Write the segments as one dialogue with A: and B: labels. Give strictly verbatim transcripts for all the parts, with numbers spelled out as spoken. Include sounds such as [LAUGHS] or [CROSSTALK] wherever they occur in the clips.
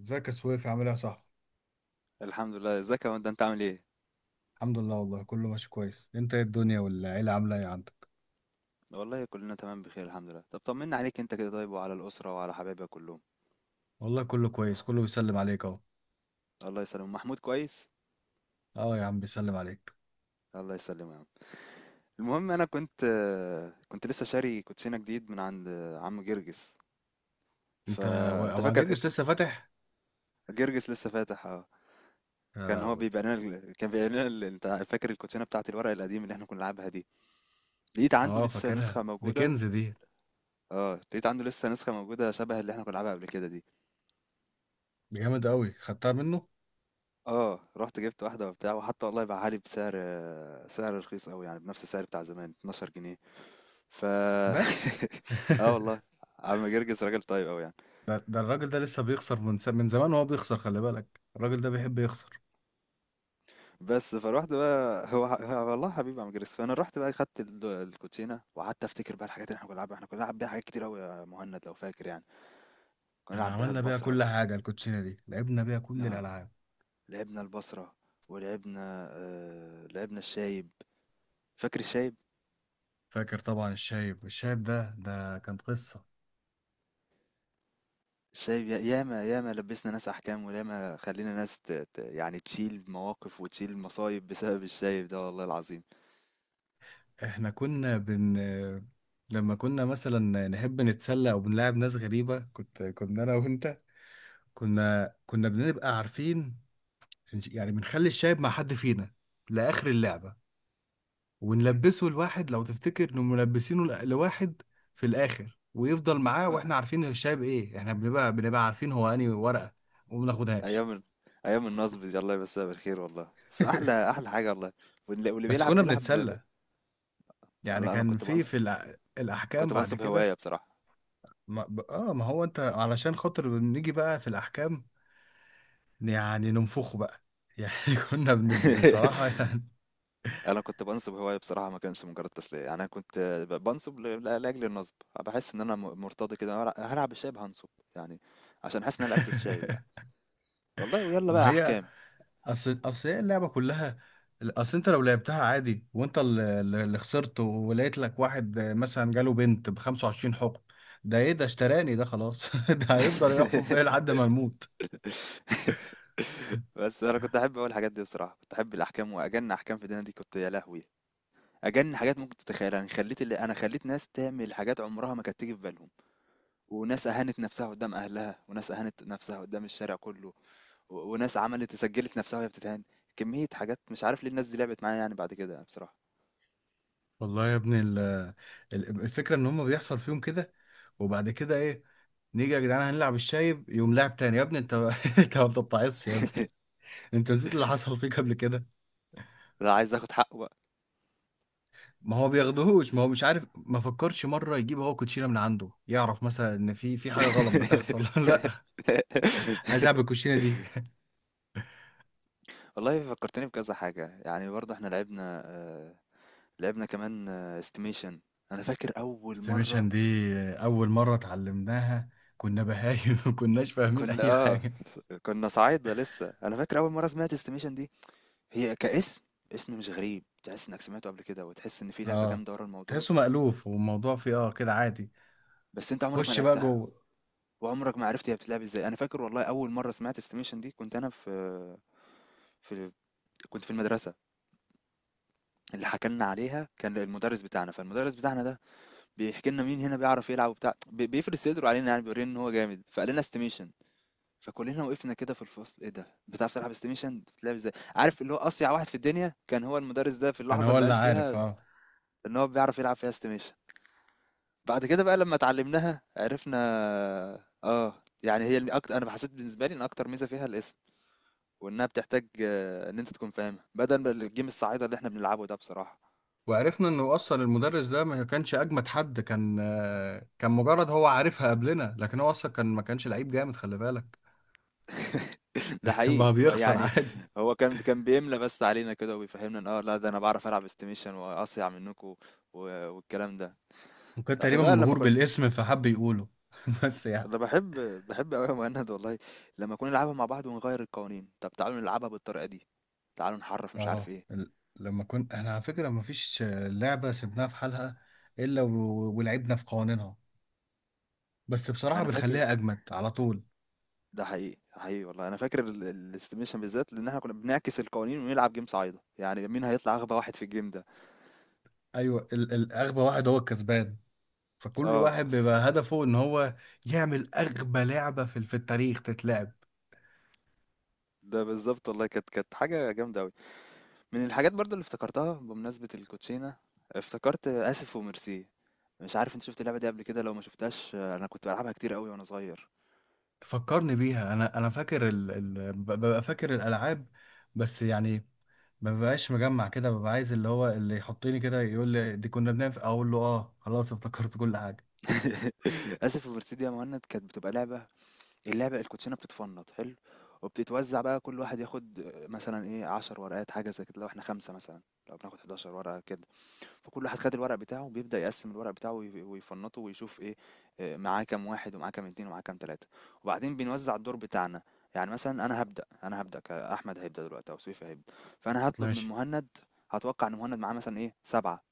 A: ازيك يا سويف؟ عامل ايه يا صاحبي؟
B: الحمد لله. ازيك يا واد انت عامل ايه؟
A: الحمد لله والله، كله ماشي كويس. انت ايه الدنيا والعيلة عاملة ايه عندك؟
B: والله كلنا تمام بخير الحمد لله. طب طمنا عليك انت كده طيب، وعلى الاسره وعلى حبايبك كلهم.
A: والله كله كويس، كله بيسلم عليك اهو.
B: الله يسلم محمود كويس.
A: اه يا عم بيسلم عليك.
B: الله يسلمه يا عم. المهم انا كنت كنت لسه شاري كوتشينه جديد من عند عم جرجس،
A: انت و-
B: فانت
A: ما
B: فاكر.
A: جيجس لسه فاتح؟
B: جرجس لسه فاتح اه.
A: يا
B: كان هو
A: لهوي.
B: بيبيع لنا ال- كان بيبيع لنا ال- انت فاكر الكوتشينه بتاعت الورق القديم اللي احنا كنا بنلعبها دي؟ لقيت عنده
A: اه
B: لسه
A: فاكرها،
B: نسخه
A: دي
B: موجوده.
A: كنز دي.
B: اه لقيت عنده لسه نسخه موجوده شبه اللي احنا كنا بنلعبها قبل كده دي.
A: دي جامد قوي، خدتها منه؟
B: آه، رُحت جِبت واحدة وبتاع، وحتى والله باعها لي بسعر، سعر رخيص أوي، يعني بنفْس السعر بتاع زمان، اثنا عشر جنيه. ف
A: بس.
B: [LAUGHS]
A: [LAUGHS]
B: آه والله، عم جرجس راجل طيب أوي يعني.
A: ده, ده الراجل ده لسه بيخسر من س... من زمان وهو بيخسر. خلي بالك، الراجل ده بيحب يخسر.
B: بس فرُحت بقى، هو ح هو والله حبيب عم جرجس، فأنا رُحت بقى خدت ال الكوتشينة وقعدت أفتكر بقى الحاجات اللي إحنا كنا بنلعبها، إحنا كنا بنلعب بيها حاجات كتير أوي يا مهند لو فاكر يعني. كنا
A: احنا
B: بنلعب بيها
A: عملنا بيها
B: البصرة.
A: كل حاجة، الكوتشينة دي لعبنا بيها كل
B: آه،
A: الألعاب.
B: لعبنا البصرة، ولعبنا آآ، لعبنا الشايب. فاكر الشايب؟
A: فاكر طبعا الشايب، الشايب ده ده كان قصة.
B: شايف يا- ياما ياما لبسنا ناس احكام، وياما خلينا ناس ت... ت... يعني تشيل مواقف وتشيل مصايب بسبب الشايب ده والله العظيم.
A: احنا كنا بن لما كنا مثلا نحب نتسلى او بنلاعب ناس غريبة، كنت كنا انا وانت كنا كنا بنبقى عارفين، يعني بنخلي الشايب مع حد فينا لاخر اللعبة، ونلبسه. الواحد لو تفتكر انه ملبسينه ل- لواحد في الاخر، ويفضل معاه،
B: آه،
A: واحنا عارفين الشايب ايه. احنا بنبقى بنبقى عارفين هو انهي ورقة، وما بناخدهاش.
B: ايام ال- ايام النصب دي الله يمسها بالخير والله، بس احلى
A: [LAUGHS]
B: احلى حاجه والله. واللي, واللي
A: بس
B: بيلعب
A: كنا
B: بيلعب ب... ب-
A: بنتسلى، يعني
B: لا انا
A: كان
B: كنت
A: في
B: بنصب،
A: في الأ- الاحكام
B: كنت
A: بعد
B: بنصب
A: كده.
B: هوايه بصراحه
A: ما ب- اه ما هو انت علشان خاطر بنيجي بقى في الاحكام، يعني ننفخه بقى، يعني [LAUGHS] كنا بن... بصراحة
B: [LAUGHS]
A: يعني.
B: انا كنت بنصب هوايه بصراحه، ما كانش مجرد تسليه، يعني انا كنت ب- بنصب ل... ل- لاجل النصب. بحس ان انا م- مرتضي كده هلع- هلعب الشايب هنصب يعني، عشان حاسس ان انا لعبت الشايب يعني.
A: [LAUGHS]
B: والله ويلا
A: ما
B: بقى
A: هي،
B: احكام.
A: اصل اصل هي اللعبة كلها. اصل انت لو لعبتها عادي وانت اللي اللي خسرت، ولقيت لك واحد مثلا جاله بنت ب خمسة وعشرين حكم. ده ايه ده؟ اشتراني ده خلاص. [LAUGHS] ده هيفضل يحكم فيا
B: [LAUGHS]
A: لحد ما الموت.
B: [LAUGHS] بس انا كنت احب اقول الحاجات دي، بصراحه كنت احب الاحكام، واجن احكام في الدنيا دي كنت يا لهوي. اجن حاجات ممكن تتخيلها انا خليت، اللي انا خليت ناس تعمل حاجات عمرها ما كانت تيجي في بالهم، وناس اهانت نفسها قدام اهلها، وناس اهانت نفسها قدام الشارع كله، و... وناس عملت سجلت نفسها وهي بتتهان. كميه حاجات مش عارف ليه الناس دي لعبت معايا يعني بعد كده يعني بصراحه.
A: والله يا ابني ال... ال- الفكرة ان هم بيحصل فيهم كده، وبعد كده ايه؟ نيجي يا جدعان هنلعب الشايب، يقوم لاعب تاني. يا ابني انت، [LAUGHS] انت ما بتتعصش يا ابني؟ انت نسيت اللي حصل فيك قبل كده؟
B: لا عايز اخد حقه بقى.
A: ما هو بياخدهوش، ما هو مش عارف، ما فكرش مره يجيب هو كوتشينه من عنده، يعرف مثلا ان في في حاجه غلط بتحصل. [LAUGHS] لا عايز اعمل
B: [LAUGHS]
A: الكوتشينه دي.
B: والله فكرتني بكذا حاجة يعني. برضه احنا لعبنا، آه، لعبنا كمان استيميشن. انا فاكر اول
A: استيميشن
B: مره،
A: دي اول مره اتعلمناها كنا بهايم، [LAUGHS] ما كناش فاهمين
B: كنا
A: اي
B: اه
A: حاجه.
B: كنا صعايده لسه. انا فاكر اول مره سمعت استيميشن دي، هي كاسم، اسم مش غريب، تحس انك سمعته قبل كده وتحس ان في لعبه
A: اه،
B: جامده ورا الموضوع،
A: تحسه مألوف والموضوع فيه اه كده عادي.
B: بس انت عمرك ما
A: خش بقى
B: لعبتها
A: جوه.
B: وعمرك ما عرفت هي بتتلعب ازاي. انا فاكر والله اول مره سمعت استيميشن دي كنت انا في في كنت في المدرسه. اللي حكى لنا عليها كان المدرس بتاعنا، فالمدرس بتاعنا ده بيحكي لنا مين هنا بيعرف يلعب وبتاع، بي- بيفرد صدره علينا يعني بيورينا ان هو جامد، فقال لنا استيميشن. فكلنا وقفنا كده في الفصل ايه ده، بتعرف تلعب استيميشن، بتلعب ازاي؟ عارف اللي هو اصيع واحد في الدنيا كان هو المدرس ده في
A: كان
B: اللحظه
A: هو
B: اللي
A: اللي
B: قال
A: عارف،
B: فيها
A: اه.
B: ان هو بيعرف يلعب فيها استيميشن. بعد كده بقى لما اتعلمناها عرفنا اه، يعني هي اكتر، انا حسيت بالنسبه لي ان اكتر ميزه فيها الاسم، وانها بتحتاج آه، ان انت تكون فاهمها بدل ما الجيم الصعيده اللي احنا بنلعبه ده بصراحه.
A: وعرفنا انه اصلا المدرس ده ما كانش اجمد حد، كان آه، كان مجرد هو عارفها قبلنا، لكن هو اصلا كان ما كانش لعيب جامد، خلي بالك.
B: [LAUGHS] ده
A: [LAUGHS] بقى
B: حقيقي
A: بيخسر
B: يعني.
A: عادي.
B: هو كان كان بيملى بس علينا كده وبيفهمنا ان اه لا ده انا بعرف العب استيميشن واصيع منكم، و- والكلام ده.
A: وكان
B: احنا
A: تقريبا
B: بقى لما
A: مبهور
B: كنا
A: بالاسم فحب يقوله. [LAUGHS] بس يعني.
B: انا بحب، بحب قوي يا مهند والله لما كنا نلعبها مع بعض ونغير القوانين، طب تعالوا نلعبها بالطريقه دي، تعالوا نحرف مش عارف
A: اه
B: ايه.
A: ال- لما كنت، احنا على فكرة ما فيش لعبة سيبناها في حالها الا و- ولعبنا في قوانينها، بس بصراحة
B: انا فاكر،
A: بنخليها اجمد على طول.
B: ده حقيقي حقيقي والله، انا فاكر ال- ال- الاستيميشن بالذات، لان احنا كنا بنعكس القوانين ونلعب جيم صعيده، يعني مين هيطلع اغبى واحد في الجيم ده.
A: ايوه ال- ال- اغبى واحد هو الكسبان، فكل
B: اه
A: واحد بيبقى هدفه ان هو يعمل اغبى لعبة في في التاريخ تتلعب.
B: ده بالظبط والله، كانت كانت حاجه جامده قوي. من الحاجات برضو اللي افتكرتها بمناسبه الكوتشينه، افتكرت اسف وميرسي. مش عارف انت شفت اللعبه دي قبل كده، لو ما شفتهاش آه، انا كنت بلعبها كتير قوي وانا صغير.
A: فكرني بيها، انا انا فاكر ال... ال... ب- ببقى فاكر الالعاب، بس يعني ما ببقاش مجمع كده، ببقى عايز اللي هو اللي يحطني كده يقول لي دي كنا بنعمل في- اقول له اه خلاص افتكرت كل حاجه.
B: [LAUGHS] اسف وميرسي دي يا مهند كانت بتبقى لعبه، اللعبة الكوتشينة بتتفنط حلو وبتتوزع بقى، كل واحد ياخد آه، مثلا ايه عشر ورقات حاجة زي كده لو احنا خمسة مثلا، لو بناخد حداشر ورقة كده. فكل واحد خد الورق بتاعه وبيبدأ يقسم الورق بتاعه وي- ويفنطه ويشوف ايه آه، معاه كام واحد ومعاه كام اتنين ومعاه كام تلاتة، وبعدين بنوزع الدور بتاعنا. يعني مثلا انا هبدأ انا هبدأ كأحمد هيبدأ دلوقتي او سويفي هيبدأ، فانا هطلب من
A: ماشي.
B: مهند، هتوقع ان مهند معاه مثلا ايه سبعة،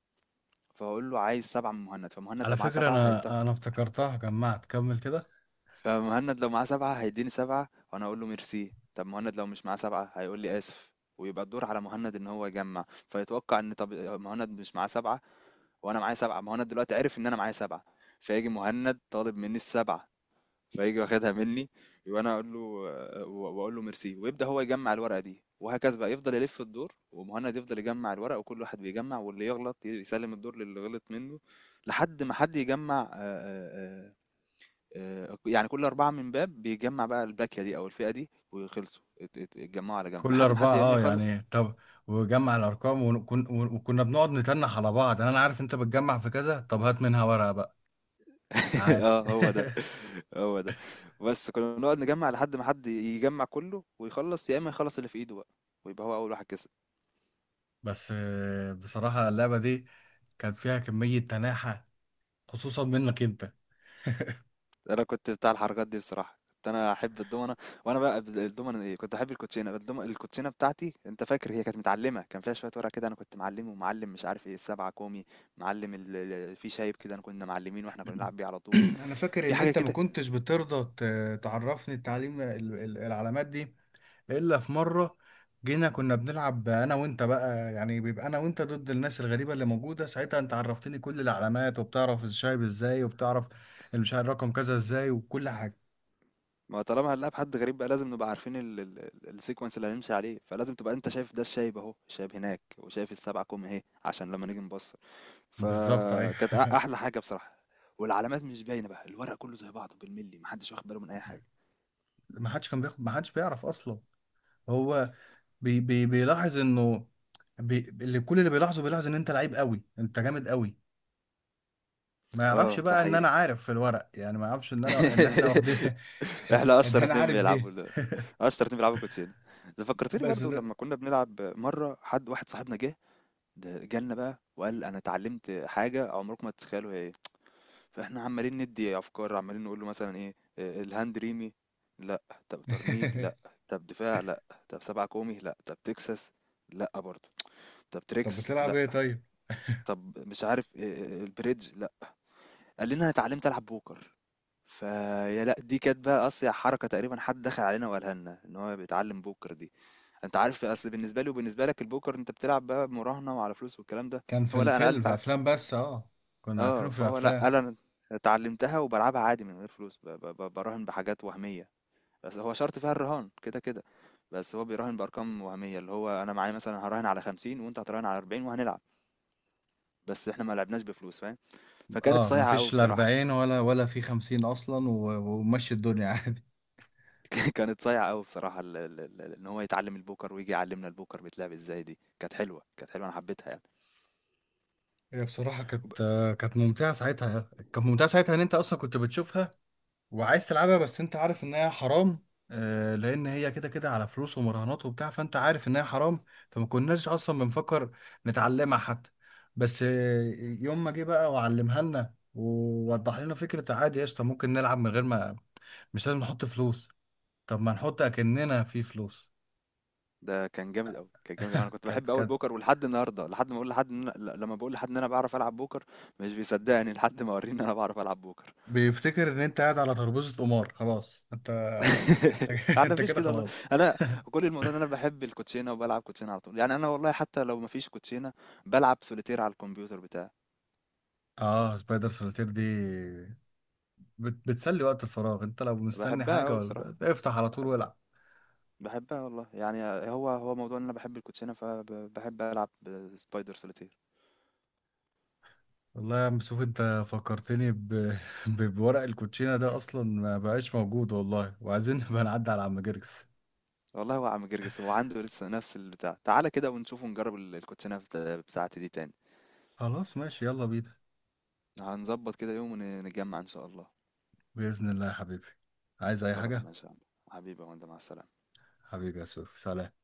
B: فاقول له عايز سبعة من مهند، فمهند
A: على
B: لو معاه
A: فكرة
B: سبعة
A: انا
B: هيت-
A: انا افتكرتها، جمعت، كمل كده.
B: فمهند لو معاه سبعة هيديني سبعة وانا اقول له ميرسي. طب مهند لو مش معاه سبعة هيقول لي اسف، ويبقى الدور على مهند ان هو يجمع. فيتوقع ان، طب مهند مش معاه سبعة وانا معايا سبعة، مهند دلوقتي عرف ان انا معايا سبعة، فيجي مهند طالب مني السبعة، فيجي واخدها مني وانا اقول له واقول له ميرسي، ويبدأ هو يجمع الورقة دي، وهكذا بقى يفضل يلف الدور، ومهند يفضل يجمع الورق وكل واحد بيجمع، واللي يغلط يسلم الدور للي غلط منه لحد ما حد يجمع، آه، آه، آه، يعني كل أربعة من باب بيجمع بقى الباكية دي أو الفئة دي، ويخلصوا ات- ات- اتجمعوا على جنب
A: كل
B: لحد ما حد
A: اربعه
B: يا إما
A: اه
B: يخلص.
A: يعني، طب. وجمع الارقام وكن، وكنا بنقعد نتنح على بعض، يعني انا عارف انت بتجمع في كذا، طب هات منها ورقه بقى.
B: [LAUGHS]
A: عادي.
B: اه هو ده،
A: [LAUGHS]
B: هو ده. بس كنا بنقعد نجمع لحد ما حد يجمع كله ويخلص، يا إما يخلص اللي في إيده بقى، ويبقى هو أول واحد كسب.
A: بس آه، بصراحه اللعبه دي كان فيها كميه تناحه، خصوصا منك انت.
B: أنا كنت بتاع الحركات دي بصراحة، كنت أنا أحب الدومنة، وأنا بقى الدومنة إيه، كنت أحب الكوتشينة. الدومنة الكوتشينة بتاعتي أنت فاكر هي كانت متعلمة، كان فيها شوية ورق كده، أنا كنت معلم ومعلم مش عارف إيه السبعة كومي، معلم ال- ال- في شايب كده أنا، كنا معلمين وإحنا كنا بنلعب بيه على
A: [CLEARS THROAT]
B: طول.
A: انا فاكر
B: في
A: ان
B: حاجة
A: انت ما
B: كده،
A: كنتش بترضى ت- تعرفني التعليم، ال- ال- العلامات دي. الا في مره جينا كنا بنلعب انا وانت بقى، يعني بيبقى انا وانت ضد الناس الغريبه اللي موجوده ساعتها، انت عرفتني كل العلامات، وبتعرف الشايب ازاي، وبتعرف مش عارف رقم كذا ازاي وكل حاجه.
B: ما طالما هنلاعب حد غريب بقى لازم نبقى عارفين ال- ال- ال- السيكونس اللي هنمشي عليه، فلازم تبقى انت شايف ده الشايب اهو، الشايب هناك، وشايف السبعة كوم اهي، عشان لما نيجي نبصر.
A: بالظبط ايوه.
B: فكانت أ- احلى
A: [LAUGHS]
B: حاجة بصراحة، والعلامات مش باينة بقى، الورق كله زي بعضه بالملي محدش واخد باله من اي حاجة.
A: ما حدش كان بياخد، ما حدش بيعرف اصلا. هو بي بي بيلاحظ انه، بي، اللي كل اللي بيلاحظه، بيلاحظ ان انت لعيب قوي، انت جامد قوي. ما يعرفش
B: اه ده
A: بقى ان
B: حقيقي.
A: انا عارف في الورق، يعني ما يعرفش ان انا، ان احنا واخدين.
B: [LAUGHS]
A: [LAUGHS]
B: احنا
A: ان
B: اشطر
A: انا
B: اتنين
A: عارف
B: بيلعبوا
A: دي.
B: ال- [LAUGHS] اشطر اتنين بيلعبوا كوتشينة. ده فكرتني
A: بس
B: برضو
A: ده.
B: لما كنا بنلعب مرة، حد واحد صاحبنا جه، ده جالنا بقى وقال انا اتعلمت حاجة عمركم ما تتخيلوا هي، فاحنا عمالين ندي افكار عمالين نقول له مثلا ايه، آه، الهاند ريمي لا، طب ترنيب لا،
A: [LAUGHS]
B: طب دفاع لا، طب سبعة كومي لا، طب تكساس لا برضه، طب
A: طب
B: تريكس
A: بتلعب
B: لا،
A: ايه طيب؟
B: طب مش عارف آه، آه، آه، البريدج لا. قال لنا انا اتعلمت العب بوكر. فيا لا، دي كانت بقى اصيع حركة تقريبا، حد دخل علينا وقالها لنا ان هو بيتعلم بوكر دي. انت عارف اصل بالنسبة لي وبالنسبة لك البوكر انت بتلعب بقى مراهنة وعلى فلوس والكلام ده.
A: كان في
B: هو لا انا قال
A: الفيلم، في
B: انت
A: افلام، بس اه، كنا
B: اه
A: عارفينه في
B: فهو لا
A: الافلام.
B: قال انا اتعلمتها وبلعبها عادي من غير فلوس، ب- ب- ب- براهن بحاجات وهمية، بس هو شرط فيها الرهان كده كده، بس هو بيراهن بأرقام وهمية، اللي هو انا معايا مثلا هراهن على خمسين وانت هتراهن على اربعين وهنلعب، بس احنا ما لعبناش بفلوس فاهم. فكانت
A: اه ما
B: صايعة قوي
A: فيش لا
B: بصراحة.
A: اربعين ولا ولا في خمسين اصلا، و- ومشي الدنيا. [LAUGHS] عادي.
B: [LAUGHS] كانت صايعة قوي بصراحة ال- ال- ال- ان هو يتعلم البوكر ويجي يعلمنا البوكر بيتلعب ازاي، دي كانت حلوة كانت حلوة انا حبيتها يعني.
A: هي بصراحة كانت آه، كانت ممتعة ساعتها، كانت ممتعة ساعتها ان انت اصلا كنت بتشوفها وعايز تلعبها، بس انت عارف ان هي حرام. آه، لان هي كده كده على فلوس ومراهنات وبتاع، فانت عارف ان هي حرام. فما كناش اصلا بنفكر نتعلمها حتى. بس آه، يوم ما جه بقى وعلمها لنا، ووضح لنا فكرة عادي قشطة ممكن نلعب من غير ما، مش لازم نحط فلوس، طب ما نحط اكننا في فلوس.
B: ده كان جامد قوي كان جامد أوي. انا كنت
A: كانت،
B: بحب قوي
A: كانت
B: البوكر، ولحد النهارده لحد ما اقول لحد إن أنا، ل- لما بقول لحد ان انا بعرف العب بوكر مش بيصدقني لحد ما اوريه ان انا بعرف العب بوكر.
A: بيفتكر ان انت قاعد على ترابيزه قمار خلاص انت. انت
B: [LAUGHS]
A: [LAUGHS]
B: انا
A: انت
B: مفيش
A: كده
B: كده والله.
A: خلاص.
B: انا كل الموضوع ان انا بحب الكوتشينه وبلعب كوتشينه على طول يعني، انا والله حتى لو مفيش كوتشينه بلعب سوليتير على الكمبيوتر بتاعي.
A: اه سبايدر سوليتير دي، بت... بتسلي وقت الفراغ، انت لو مستني
B: بحبها
A: حاجه،
B: قوي بصراحه،
A: ولا افتح على طول
B: بحبها،
A: والعب.
B: بحبها والله يعني، هو هو موضوع ان انا بحب الكوتشينه فبحب العب سبايدر سوليتير.
A: والله يا عم سوف انت فكرتني ب... [LAUGHS] ب... بورق الكوتشينه ده، اصلا ما بقاش موجود والله. وعايزين [LAUGHS] نبقى نعدي على عم جرجس.
B: والله هو عم جرجس هو عنده لسه نفس البتاع، تعالى كده ونشوف ونجرب ال- الكوتشينه بتا- بتاعتي دي تاني.
A: خلاص ماشي، يلا بينا.
B: هنظبط كده يوم ونتجمع إن شاء الله.
A: باذن الله يا حبيبي. عايز اي
B: خلاص
A: حاجه؟
B: ماشي يا عم، حبيبي يا، وانت مع السلامة.
A: حبيبي يا سوف، سلام.